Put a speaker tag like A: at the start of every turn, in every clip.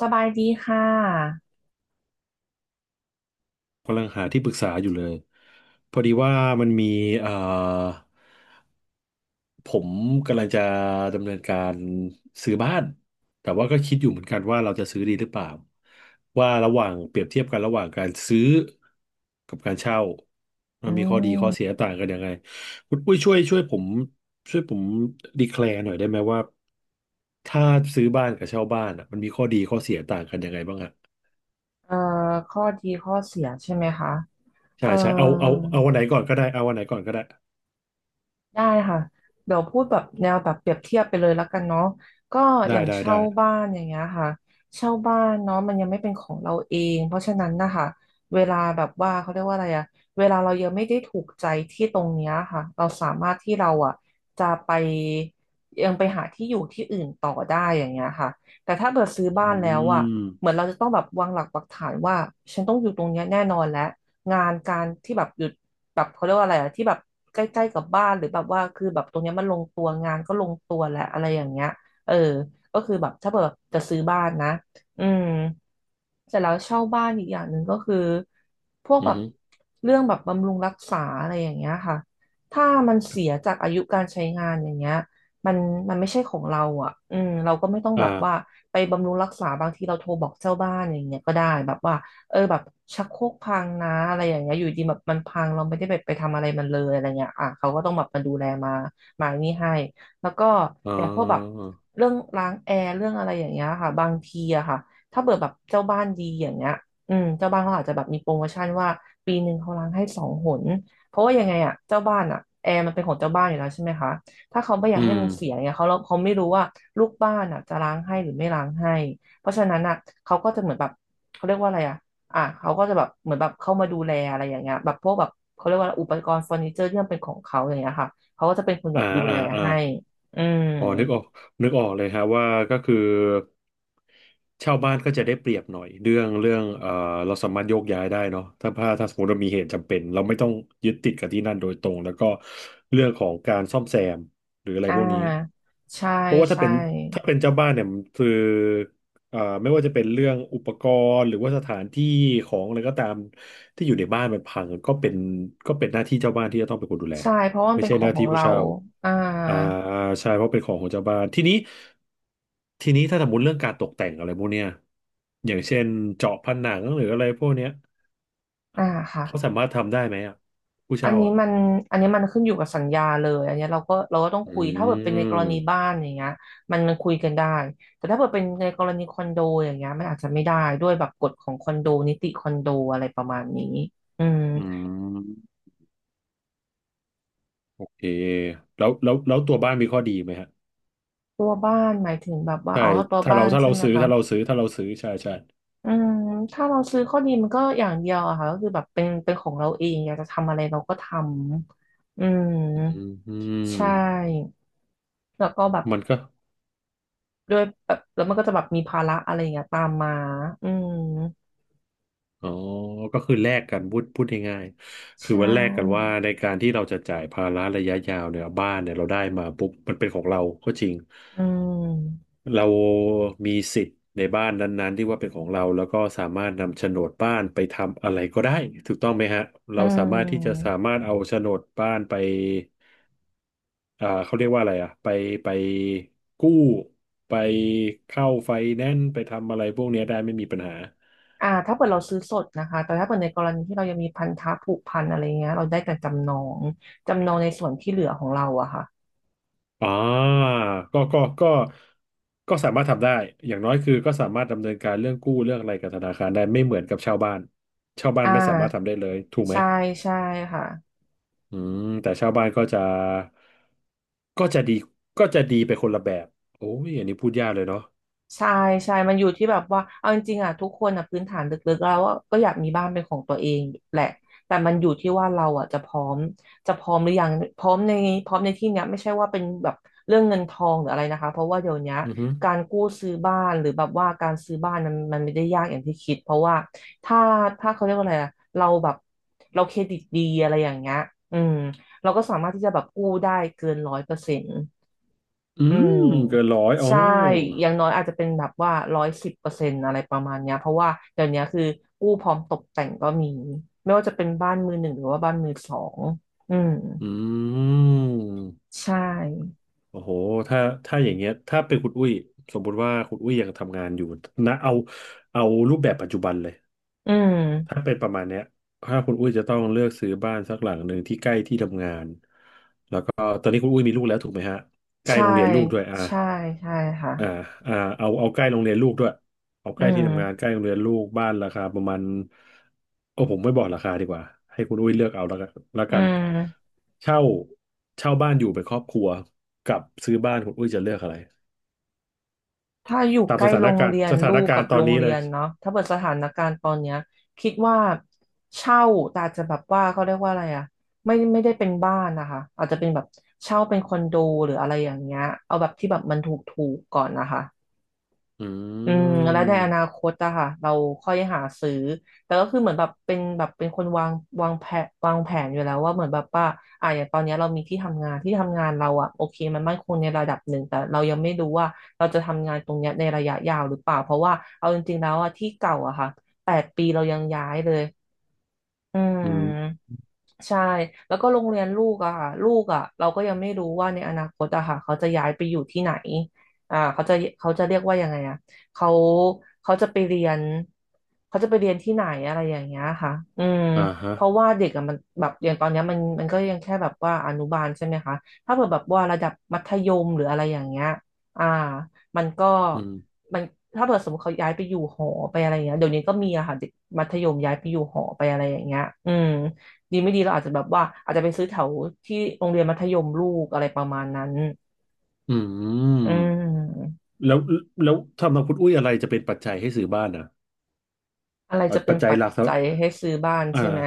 A: สบายดีค่ะ
B: กำลังหาที่ปรึกษาอยู่เลยพอดีว่ามันมีเอ่อผมกำลังจะดำเนินการซื้อบ้านแต่ว่าก็คิดอยู่เหมือนกันว่าเราจะซื้อดีหรือเปล่าว่าระหว่างเปรียบเทียบกันระหว่างการซื้อกับการเช่ามั
A: อื
B: นมีข้อดีข้อเสีย
A: ม
B: ต่างกันยังไงคุณอุ้ยช่วยผมดีแคลร์หน่อยได้ไหมว่าถ้าซื้อบ้านกับเช่าบ้านอ่ะมันมีข้อดีข้อเสียต่างกันยังไงบ้างอะ
A: เอ่ข้อดีข้อเสียใช่ไหมคะ เอ่
B: ใช่
A: อ
B: ใช่เอาวันไหนก่อนก็ได้เอาวันไหนก่อนก็ได้
A: ได้ค่ะเดี๋ยวพูดแบบแนวแบบเปรียบเทียบไปเลยแล้วกันเนาะก็อ
B: ได้
A: ย่าง
B: ได้
A: เช่า
B: ได้
A: บ้านอย่างเงี้ยค่ะเช่าบ้านเนาะมันยังไม่เป็นของเราเองเพราะฉะนั้นนะคะเวลาแบบว่าเขาเรียกว่าอะไรอะเวลาเรายังไม่ได้ถูกใจที่ตรงเนี้ยค่ะเราสามารถที่เราอะจะไปยังไปหาที่อยู่ที่อื่นต่อได้อย่างเงี้ยค่ะแต่ถ้าเกิดซื้อ
B: อื
A: บ้านแล้วอะ
B: ม
A: เหมือนเราจะต้องแบบวางหลักปักฐานว่าฉันต้องอยู่ตรงเนี้ยแน่นอนแล้ว งานการที่แบบหยุดแบบเขาเรียกว่าอะไรอะที่แบบใกล้ๆกับบ้านหรือแบบว่าคือแบบตรงเนี้ยมันลงตัวงานก็ลงตัวแหละอะไรอย่างเงี้ยเออก็คือแบบถ้าเกิดแบบจะซื้อบ้านนะอืม เสร็จแล้วเช่าบ้านอีกอย่างหนึ่งก็คือพวก
B: อืม
A: แบ
B: อ
A: บ
B: ฮึ
A: เรื่องแบบบำรุงรักษาอะไรอย่างเงี้ยค่ะถ้ามันเสียจากอายุการใช้งานอย่างเงี้ยมันมันไม่ใช่ของเราอ่ะอืมเราก็ไม่ต้องแบบว่า
B: อ่า
A: ไปบำรุงรักษาบางทีเราโทรบอกเจ้าบ้านอย่างเงี้ยก็ได้แบบว่าเออแบบชักโครกพังนะอะไรอย่างเงี้ยอยู่ดีแบบมันพังเราไม่ได้แบบไปทำอะไรมันเลยอะไรเงี้ยอ่ะเขาก็ต้องแบบมาดูแลมานี่ให้แล้วก็
B: อ๋อ
A: อย่างพวกแบบเรื่องล้างแอร์เรื่องอะไรอย่างเงี้ยค่ะบางทีอะค่ะ ถ้าเปิดแบบเจ้าบ้านดีอย่างเงี้ยอืมเจ้าบ้านเขาอาจจะแบบมีโปรโมชั่นว่าปีหนึ่งเขาล้างให้สองหนเพราะว่ายังไงอ่ะเจ้าบ้านอ่ะแอร์มันเป็นของเจ้าบ้านอยู่แล้วใช่ไหมคะถ้าเขาไม่อยา
B: อื
A: กให้
B: ม
A: มันเสียเนี่ยเขาไม่รู้ว่าลูกบ้านอ่ะจะล้างให้หรือไม่ล้างให้เพราะฉะนั้นอ่ะเขาก็จะเหมือนแบบเขาเรียกว่าอะไรอ่ะอ่ะเขาก็จะแบบเหมือนแบบเข้ามาดูแลอะไรอย่างเงี้ยแบบพวกแบบเขาเรียกว่าอะไรอุปกรณ์เฟอร์นิเจอร์ที่มันเป็นของเขาอย่างเงี้ยค่ะเขาก็จะเป็นคนแบ
B: อ่า
A: บดูแล
B: อ่าอ่า
A: ให้อืม
B: อ๋อนึกออกนึกออกเลยฮะว่าก็คือเช่าบ้านก็จะได้เปรียบหน่อย เรื่องเรื่องเราสามารถโยกย้ายได้เนาะถ้าสมมติเรามีเหตุจำเป็นเราไม่ต้องยึดติดกับที่นั่นโดยตรงแล้วก็เรื่องของการซ่อมแซมหรืออะไร
A: อ่
B: พวกนี้
A: าใช่
B: เพราะว่าถ้า
A: ใช่
B: เป็นถ้าเป็นเจ้าบ้านเนี่ยมันคือไม่ว่าจะเป็นเรื่องอุปกรณ์หรือว่าสถานที่ของอะไรก็ตามที่อยู่ในบ้านมันพังก็เป็นหน้าที่เจ้าบ้านที่จะต้องเป็นคนดูแล
A: ใช่ เพราะว่ามัน
B: ไม่
A: เป็น
B: ใช่
A: ขอ
B: ห
A: ง
B: น้า
A: ขอ
B: ที่
A: ง
B: ผู้
A: เรา
B: เช่า
A: อ่า
B: อ่าใช่เพราะเป็นของของเจ้าบ้านทีนี้ถ้าสมมติเรื่องการตกแต่งอะไรพวกเนี้ยอย่างเช่นเจาะผนังหรืออะไรพวกเนี้ย
A: อ่าค่ะ
B: เขาสามารถทำได้ไหมอ่ะผู้
A: อัน
B: เช่า
A: นี้
B: อ่ะ
A: มันอันนี้มันขึ้นอยู่กับสัญญาเลย อันเนี้ยเราก็ต้อง
B: อื
A: คุย ถ้าเกิดเป็นในกรณีบ้า
B: ม
A: นอย่างเงี้ยมันคุยกันได้แต่ถ้าเกิดเป็นในกรณีคอนโดอย่างเงี้ยมันอาจจะไม่ได้ด้วยแบบกฎของคอนโดนิติคอนโดอะไรประมาณนี้อืม
B: อืมโอเคแล้วตัวบ้านมีข้อดีไหมฮะ
A: ตัวบ้านหมายถึงแบบว่า
B: ใช่
A: อ๋อตัว
B: ถ้า
A: บ้า
B: เรา
A: น
B: ถ้า
A: ใช่
B: เรา
A: ไหม
B: ซื้อ
A: คะ
B: ถ้าเราซื้อถ้าเราซื้อใช่ใช่
A: อืมถ้าเราซื้อข้อดีมันก็อย่างเดียวอะค่ะก็คือแบบเป็นของเราเองอยากจะทำอะไรเราก็ทำอืม
B: อื
A: ใช
B: ม
A: ่แล้วก็แบบ
B: มันก็
A: ด้วยแบบแล้วมันก็จะแบบมีภาระอะไรอย่างเงี้ยตามมา อืม
B: อ๋อก็คือแลกกันพูดพูดง่ายๆ
A: ใช
B: คือว่าแลกกันว่า
A: ่
B: ในการที่เราจะจ่ายภาระระยะยาวเนี่ยบ้านเนี่ยเราได้มาปุ๊บมันเป็นของเราก็จริง
A: อืม
B: เรามีสิทธิ์ในบ้านนั้นๆที่ว่าเป็นของเราแล้วก็สามารถนำโฉนดบ้านไปทำอะไรก็ได้ถูกต้องไหมฮะ
A: อื
B: เราสามารถที่จะ
A: ม
B: สามารถเอาโฉนดบ้านไป อ่าเขาเรียกว่าอะไรอ่ะไปไปกู้ไปเข้าไฟแนนซ์ไปทำอะไรพวกเนี้ยได้ไม่มีปัญหา
A: อ่าถ้าเกิดเราซื้อสดนะคะ แต่ถ้าเกิดในกรณีที่เรายังมีพันธะผูกพันอะไรเงี้ยเราได้แต่จำนอง จำนองในส่วนที่เหลือของเราอะค่ะ
B: อ่าก็ก็ก็ก็สามารถทำได้อย่างน้อยคือก็สามารถดำเนินการเรื่องกู้เรื่องอะไรกับธนาคารได้ไม่เหมือนกับเช่าบ้านเช่าบ้าน
A: อ่
B: ไม่สามารถทำ
A: า
B: ได้เลยถูกไหม
A: ใช่ ใช่ค่ะ
B: อืมแต่เช่าบ้านก็จะดีก็จะดีไปคนละแบบโอ้ยอันนี้พูดยากเลยเนาะ
A: ใช่ใช่ มันอยู่ที่แบบว่าเอาจริงๆอ่ะทุกคนอ่ะพื้นฐานลึกๆแล้วอะก็อยากมีบ้านเป็นของตัวเองแหละแต่มันอยู่ที่ว่าเราอ่ะจะพร้อมหรือยังพร้อมในพร้อมในที่เนี้ยไม่ใช่ว่าเป็นแบบเรื่องเงินทองหรืออะไรนะคะเพราะว่าเดี๋ยวเนี้ย
B: อือหือ
A: การกู้ซื้อบ้านหรือแบบว่าการซื้อบ้านมันไม่ได้ยากอย่างที่คิดเพราะว่าถ้าถ้าเขาเรียกว่าอะไรอ่ะเราแบบเราเครดิตดีอะไรอย่างเงี้ยอืมเราก็สามารถที่จะแบบกู้ได้เกินร้อยเปอร์เซ็นต์
B: อื
A: อืม
B: มเกินร้อยอ๋อ
A: ใช่อย่างน้อยอาจจะเป็นแบบว่าร้อยสิบเปอร์เซ็นต์อะไรประมาณเนี้ยเพราะว่าเดี๋ยวเนี้ยคือกู้พร้อมตกแต่งก็มีไม่ว่าจะเป็นบ้านมือหนึ่งหรือว่าบ้านมือสองอืม
B: อืม
A: ใช่
B: โอ้โหถ้าถ้าอย่างเงี้ยถ้าเป็นคุณอุ้ยสมมุติว่าคุณอุ้ยยังทำงานอยู่นะเอารูปแบบปัจจุบันเลย
A: อื
B: ถ้า
A: ม
B: เป็นประมาณเนี้ยถ้าคุณอุ้ยจะต้องเลือกซื้อบ้านสักหลังหนึ่งที่ใกล้ที่ทำงานก็ตอนนี้คุณอุ้ยมีลูกแล้วถูกไหมฮะใกล้
A: ใช่
B: โรงเรียนลูกด้วยอ่า
A: ใช่ใช่ค่ะ
B: อ่าอ่าเอาใกล้โรงเรียนลูกด้วยเอาใก
A: อื
B: ล้ที่ทำงานใก
A: ม
B: ล้โรงเรียนลูกบ้านราคาประมาณโอ้ผมไม่บอกราคาดีกว่าให้คุณอุ้ยเลือกเอาแล้วกันแล้ว
A: อื
B: กัน
A: ม
B: เช่าเช่าบ้านอยู่เป็นครอบครัวกับซื้อบ้านคุณอุ้ยจะเลือกอะไร
A: ถ้าอยู่
B: ตาม
A: ใก
B: ส
A: ล้
B: ถา
A: โร
B: น
A: ง
B: การณ์
A: เรียน
B: สถา
A: ลู
B: น
A: ก
B: กา
A: กั
B: ร
A: บ
B: ณ์ตอ
A: โร
B: น
A: ง
B: นี้
A: เรี
B: เล
A: ย
B: ย
A: นเนาะถ้าเปิดสถานการณ์ตอนเนี้ยคิดว่าเช่าแต่อาจจะแบบว่าเขาเรียกว่าอะไรอะไม่ได้เป็นบ้านนะคะอาจจะเป็นแบบเช่าเป็นคอนโดหรืออะไรอย่างเงี้ยเอาแบบที่แบบมันถูกๆก่อนนะคะ
B: อื
A: อืมแล้วในอ
B: ม
A: นาคตอะค่ะเราค่อยหาซื้อแต่ก็คือเหมือนแบบเป็นแบบเป็นคนวางแผนอยู่แล้วว่าเหมือนแบบว่าอ่ะอย่างตอนเนี้ยเรามีที่ทำงานเราอะโอเคมันมั่นคงในระดับหนึ่งแต่เรายังไม่รู้ว่าเราจะทำงานตรงเนี้ยในระยะยาวหรือเปล่าเพราะว่าเอาจริงๆแล้วอะที่เก่าอะค่ะ8 ปีเรายังย้ายเลยอืม
B: อืม
A: ใช่แล้วก็โรงเรียนลูกอะค่ะลูกอะเราก็ยังไม่รู้ว่าในอนาคตอะค่ะเขาจะย้ายไปอยู่ที่ไหนเขาจะเรียกว่ายังไงอะเขาเขาจะไปเรียนเขาจะไปเรียนที่ไหนอะไรอย่างเงี้ยค่ะอืม
B: อ่าฮะ
A: เพราะว่าเด็กอะมันแบบอย่างตอนเนี้ยมันก็ยังแค่แบบว่าอนุบาลใช่ไหมคะถ้าเกิดแบบว่าระดับมัธยมหรืออะไรอย่างเงี้ยอ่ามันก็
B: อืม
A: มันถ้าเกิดสมมติเขาย้ายไปอยู่หอไปอะไรอย่างเงี้ยเดี๋ยวนี้ก็มีอะค่ะเด็กมัธยมย้ายไปอยู่หอไปอะไรอย่างเงี้ยอืม ดีไม่ดีเราอาจจะแบบว่าอาจจะไปซื้อแถวที่โรงเรียนมัธยมลูกอะไรประมาณนั้น
B: อื
A: อื
B: ม
A: ม
B: แล้วแล้วทำนองคุณอุ้ยอะไรจะเป็นปัจจัยให้ซื้อบ้านอ่ะ
A: อะไรจะเป็
B: ปั
A: น
B: จจัย
A: ปัจ
B: หลักส
A: จัยให้ซื้อบ้าน
B: ำอ่า
A: ใช่ไหม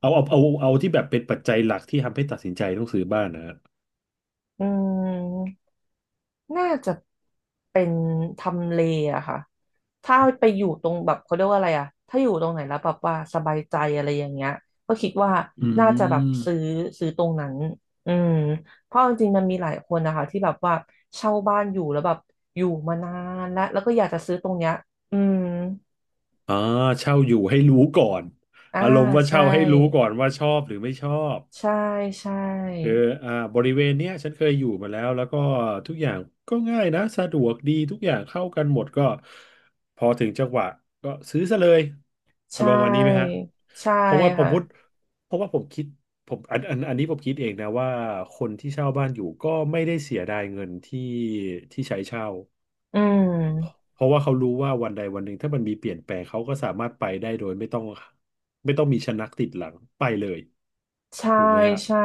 B: เอาที่แบบเป็นปัจจัยหลักที่ทำให้ตัดสินใจต้องซื้อบ้านนะฮะ
A: อืมน่าจะเป็นทำเลอะค่ะถ้าไปอยู่ตรงแบบเขาเรียกว่าอะไรอะถ้าอยู่ตรงไหนแล้วแบบว่าสบายใจอะไรอย่างเงี้ยก็คิดว่า
B: อื
A: น่าจะแบบ
B: ม
A: ซื้อตรงนั้นอืมเพราะจริงๆมันมีหลายคนนะคะที่แบบว่าเช่าบ้านอยู่แล้วแบบอยู่มานานแล้วแล้วก็อยากจะซื้อตรงเนี้ยอืม
B: อ่าเช่าอยู่ให้รู้ก่อน
A: อ่า
B: อารมณ์ว่า
A: ใช่
B: เช่าให้รู้ก่อนว่าชอบหรือไม่ชอบ
A: ใช่ใช่
B: คืออ่าบริเวณเนี้ยฉันเคยอยู่มาแล้วแล้วก็ทุกอย่างก็ง่ายนะสะดวกดีทุกอย่างเข้ากันหมดก็พอถึงจังหวะก็ซื้อซะเลยอา
A: ใช่
B: รมณ์วันนี้ไหมฮะ
A: ใช่
B: เพราะว่าผม
A: ค่ะ
B: พูดเพราะว่าผมคิดผมอันนี้ผมคิดเองนะว่าคนที่เช่าบ้านอยู่ก็ไม่ได้เสียดายเงินที่ที่ใช้เช่า
A: อืม
B: เพราะว่าเขารู้ว่าวันใดวันหนึ่งถ้ามันมีเปลี่ยนแปลงเขาก็สามารถไปได้โดยไม่ต้องมีชะนักติดหลังไปเลย
A: ใช่
B: ถูกไหมฮะ
A: ใช่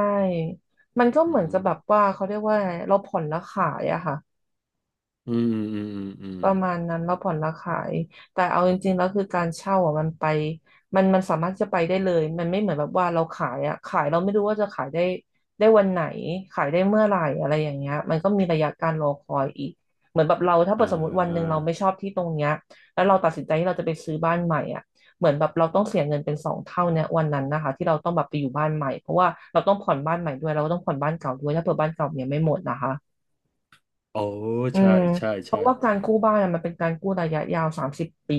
A: มันก็
B: อื
A: เหมือนกั
B: ม
A: บแบบว่าเขาเรียกว่าไงเราผ่อนแล้วขายอะค่ะ
B: อืมอืมอืมอืม
A: ประมาณนั้นเราผ่อนเราขายแต่เอาจริงๆแล้วคือการเช่าอ่ะมันไปมันสามารถจะไปได้เลยมันไม่เหมือนแบบว่าเราขายอ่ะขายเราไม่รู้ว่าจะขายได้วันไหนขายได้เมื่อไหร่อะไรอย่างเงี้ยมันก็มีระยะการรอคอยอีกเหมือนแบบเราถ้าเกิ
B: อ่
A: ดสมมติวันหนึ่ง
B: า
A: เราไม่ชอบที่ตรงเนี้ยแล้วเราตัดสินใจที่เราจะไปซื้อบ้านใหม่อ่ะเหมือนแบบเราต้องเสียเงินเป็นสองเท่าเนี่ยวันนั้นนะคะที่เราต้องแบบไปอยู่บ้านใหม่เพราะว่าเราต้องผ่อนบ้านใหม่ด้วยเราก็ต้องผ่อนบ้านเก่าด้วยถ้าเผื่อบ้านเก่าเนี่ยไม่หมดนะคะ
B: โอ้
A: อื
B: ใช่
A: ม
B: ใช่
A: เพ
B: ใช่
A: ราะว่าการกู้บ้านอะมันเป็นการกู้ระยะยาว30 ปี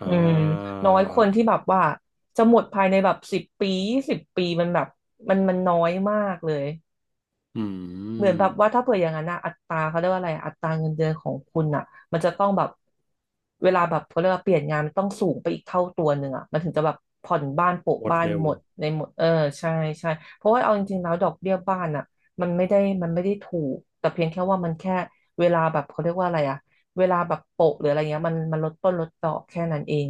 B: อ่
A: อืม
B: า
A: น้อยคนที่แบบว่าจะหมดภายในแบบสิบปี20 ปีมันแบบมันน้อยมากเลย
B: อื
A: เหมือนแบบ
B: ม
A: ว่าถ้าเผื่ออย่างนั้นนะอัตราเขาเรียกว่าอะไรอัตราเงินเดือนของคุณอ่ะมันจะต้องแบบเวลาแบบเขาเรียกว่าเปลี่ยนงานมันต้องสูงไปอีกเท่าตัวหนึ่งอ่ะมันถึงจะแบบผ่อนบ้านโปะ
B: หมด
A: บ้าน
B: เร็ว
A: หมดในหมดใช่ใช่เพราะว่าเอาจริงๆแล้วดอกเบี้ยบ้านอ่ะมันไม่ได้มันไม่ได้ถูกแต่เพียงแค่ว่ามันแค่เวลาแบบเขาเรียกว่าอะไรอ่ะเวลาแบบโปะหรืออะไรเงี้ยมันลดต้นลดดอกแค่นั้นเอง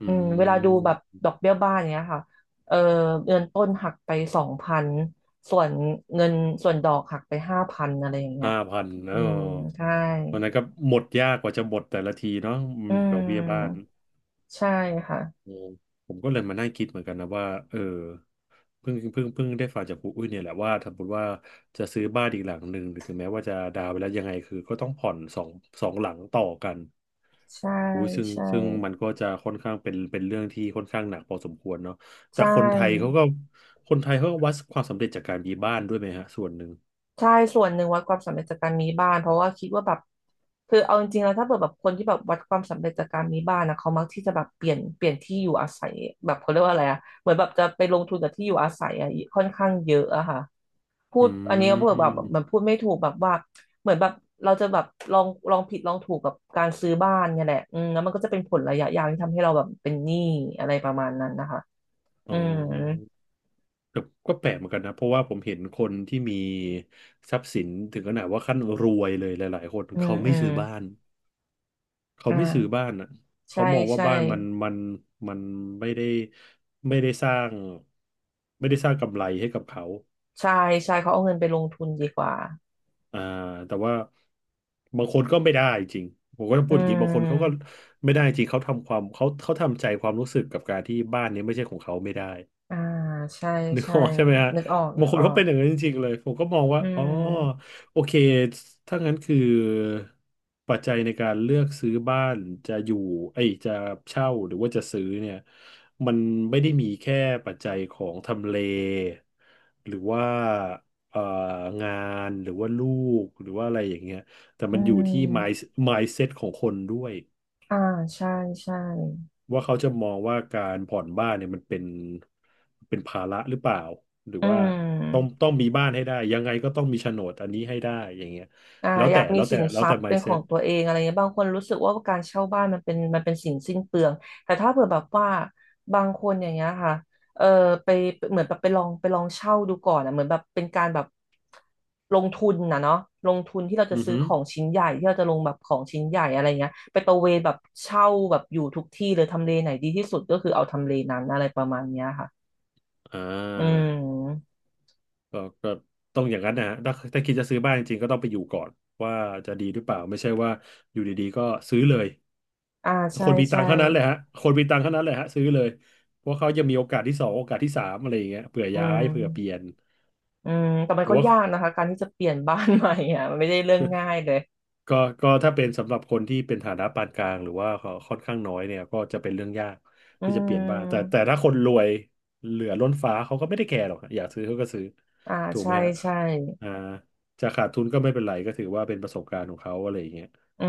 B: อื
A: อืมเวลาดูแบบ
B: ม
A: ดอกเบี้ยบ้านเนี้ยค่ะเออเงินต้นหักไป2,000 ส่วนเงินส่วนดอกหักไป5,000อะไรอย่างเงี้ย
B: ห้าพัน
A: อื
B: อ๋อ
A: มใช่
B: วันนั้นก็หมดยากกว่าจะหมดแต่ละทีเนาะอื
A: อื
B: มดอกเบี้ยบ้าน
A: มใช่ค่ะ
B: อืมผมก็เลยมานั่งคิดเหมือนกันนะว่าเพิ่งได้ฟังจากครูอุ้ยเนี่ยแหละว่าถ้าสมมติว่าจะซื้อบ้านอีกหลังหนึ่งหรือถึงแม้ว่าจะดาวน์ไปแล้วยังไงคือก็ต้องผ่อนสองหลังต่อกัน
A: ใช่
B: อุ้ยซึ่ง
A: ใช่
B: ซึ่งมันก็จะค่อนข้างเป็นเรื่องที่ค่อนข้างหนักพอสมควรเนาะแต่
A: ใช่
B: คนไทยเขาก็คนไทยเขาก็วัดความสำเร็จจากการมีบ้านด้วยไหมฮะส่วนหนึ่ง
A: ใช่ส่วนหนึ่งวัดความสำเร็จจากการมีบ้านเพราะว่าคิดว่าแบบคือเอาจริงๆแล้วถ้าเกิดแบบคนที่แบบวัดความสำเร็จจากการมีบ้านนะเขามักที่จะแบบเปลี่ยนที่อยู่อาศัยแบบเขาเรียกว่าอะไรอะเหมือนแบบจะไปลงทุนกับที่อยู่อาศัยอะค่อนข้างเยอะอะค่ะ พู
B: อื
A: ดอันนี้ก็พูดแบบแบบมัน
B: ม
A: พูดไม่ถูกแบบว่าเหมือนแบบเราจะแบบลองลองผิดลองถูกกับการซื้อบ้านเนี่ยแหละอืมแล้วมันก็จะเป็นผลระยะยาวที่ทำให้เราแบบเป็นหนี้อะไรประมาณนั้นนะคะ
B: อ๋
A: อืม
B: อ ก็ก็แปลกเหมือนกันนะเพราะว่าผมเห็นคนที่มีทรัพย์สินถึงขนาดว่าขั้นรวยเลยหลายๆคน
A: อืม
B: เขา
A: อื
B: ไม่
A: ม
B: ซื้อบ้านเขา
A: อ่
B: ไม่ซื้อบ้า
A: า
B: นอ่ะเขา
A: ใช่
B: มองว่า
A: ใช่
B: บ้านมันมันไม่ได้ไม่ได้สร้างไม่ได้สร้างกำไรให้กับเขา
A: ใช่ใช่เขาเอาเงินไปลงทุนดีกว่า
B: อ่าแต่ว่าบางคนก็ไม่ได้จริงผมก็ต้อง
A: อื
B: พูดอย่างนี้บางคนเขาก็
A: ม
B: ไม่ได้จริงเขาทำความเขาทำใจความรู้สึกกับการที่บ้านนี้ไม่ใช่ของเขาไม่ได้
A: อ่าใช่
B: นึก
A: ใช่
B: ออกใช่ไหมฮะ
A: นึกออก
B: บา
A: นึ
B: ง
A: ก
B: ค
A: อ
B: น
A: อ
B: เขา
A: ก
B: เป็นอย่างนั้นจริงๆเลยผมก็มองว่า
A: อื
B: อ๋อ
A: ม
B: โอเคถ้างั้นคือปัจจัยในการเลือกซื้อบ้านจะอยู่ไอ้ยจะเช่าหรือว่าจะซื้อเนี่ยมันไม่ได้มีแค่ปัจจัยของทำเลหรือว่าเอ่องานหรือว่าลูกหรือว่าอะไรอย่างเงี้ยแต่
A: อื
B: มันอยู่ที่
A: ม
B: mindset ของคนด้วย
A: อ่าใช่ใช่
B: ว่าเขาจะมองว่าการผ่อนบ้านเนี่ยมันเป็นภาระหรือเปล่าหรือ
A: อื
B: ว่าต้อง
A: ม
B: ต้องมีบ้านให้ได้ยังไงก็ต้องมีโฉนดอันนี้ให้ได้อย่างเงี้ย
A: อ่าอยากมีสิน
B: แล้
A: ท
B: ว
A: รั
B: แต่
A: พย์เป็นขอ
B: mindset
A: งตัวเองอะไรเงี้ยบางคนรู้สึกว่าการเช่าบ้านมันเป็นสิ่งสิ้นเปลืองแต่ถ้าเผื่อแบบว่าบางคนอย่างเงี้ยค่ะเออไปเหมือนแบบไปลองเช่าดูก่อนอ่ะเหมือนแบบเป็นการแบบลงทุนนะเนาะลงทุนที่เราจะ
B: อือ
A: ซื้อ
B: ฮึ
A: ของชิ้นใหญ่ที่เราจะลงแบบของชิ้นใหญ่อะไรเงี้ยไปตระเวนแบบเช่าแบบอยู่ทุกที่เลยทำเลไหนดีที่สุดก็คือเอาทำเลนั้นอะไรประมาณเนี้ยค่ะ
B: อ่
A: อื
B: า
A: ม
B: ก็ก็ต้องอย่างนั้นนะฮะถ้าคิดจะซื้อบ้านจริงๆก็ต้องไปอยู่ก่อนว่าจะดีหรือเปล่าไม่ใช่ว่าอยู่ดีๆก็ซื้อเลย
A: อ่า
B: ค
A: ใช่
B: นมีตั
A: ใช่
B: งค์เท่านั้นเลยฮะคนมีตังค์เท่านั้นเลยฮะซื้อเลยเพราะเขายังมีโอกาสที่สองโอกาสที่สามอะไรอย่างเงี้ยเผื่อ
A: อื
B: ย้ายเผื่อเปลี่ย
A: ม
B: น
A: อืมแต่มัน
B: แต่
A: ก็
B: ว่า
A: ยากนะคะ การที่จะเปลี่ยนบ้านใหม่อ่ะ มันไม่ได้เรื่องง่ายเลย
B: ก็ก็ถ้าเป็นสำหรับคนที่เป็นฐานะปานกลางหรือว่าค่อนข้างน้อยเนี่ยก็จะเป็นเรื่องยาก
A: อื
B: ที่จะเปลี่ยนบ้านแต่
A: ม
B: แต่ถ้าคนรวยเหลือล้นฟ้าเขาก็ไม่ได้แคร์หรอกฮะอยากซื้อเขาก็ซื้อ
A: อ่า
B: ถูกไห
A: ใช่
B: มฮะ
A: ใช่
B: อ่าจะขาดทุนก็ไม่เป็นไรก็ถือว่าเป็นประสบการณ์ของเขาอะไรอย่างเงี้ย
A: อื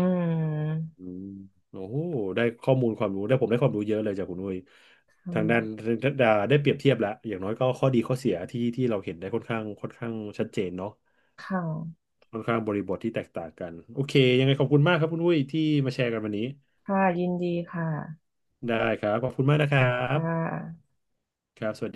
A: ม
B: อืมโอ้โหได้ข้อมูลความรู้ได้ผมได้ความรู้เยอะเลยจากคุณนุ้ย
A: ค
B: ทางด้าน
A: ่ะ
B: ทางด้านได้เปรียบเทียบแล้วอย่างน้อยก็ข้อดีข้อเสียที่เราเห็นได้ค่อนข้างชัดเจนเนาะ
A: ค่ะ
B: ค่อนข้างบริบทที่แตกต่างกันโอเคยังไงขอบคุณมากครับคุณอุ้ยที่มาแชร์กันวันนี้
A: ค่ะยินดีค่ะ
B: ได้ครับขอบคุณมากนะครั
A: ค่
B: บ
A: ะ
B: ครับสวัสดี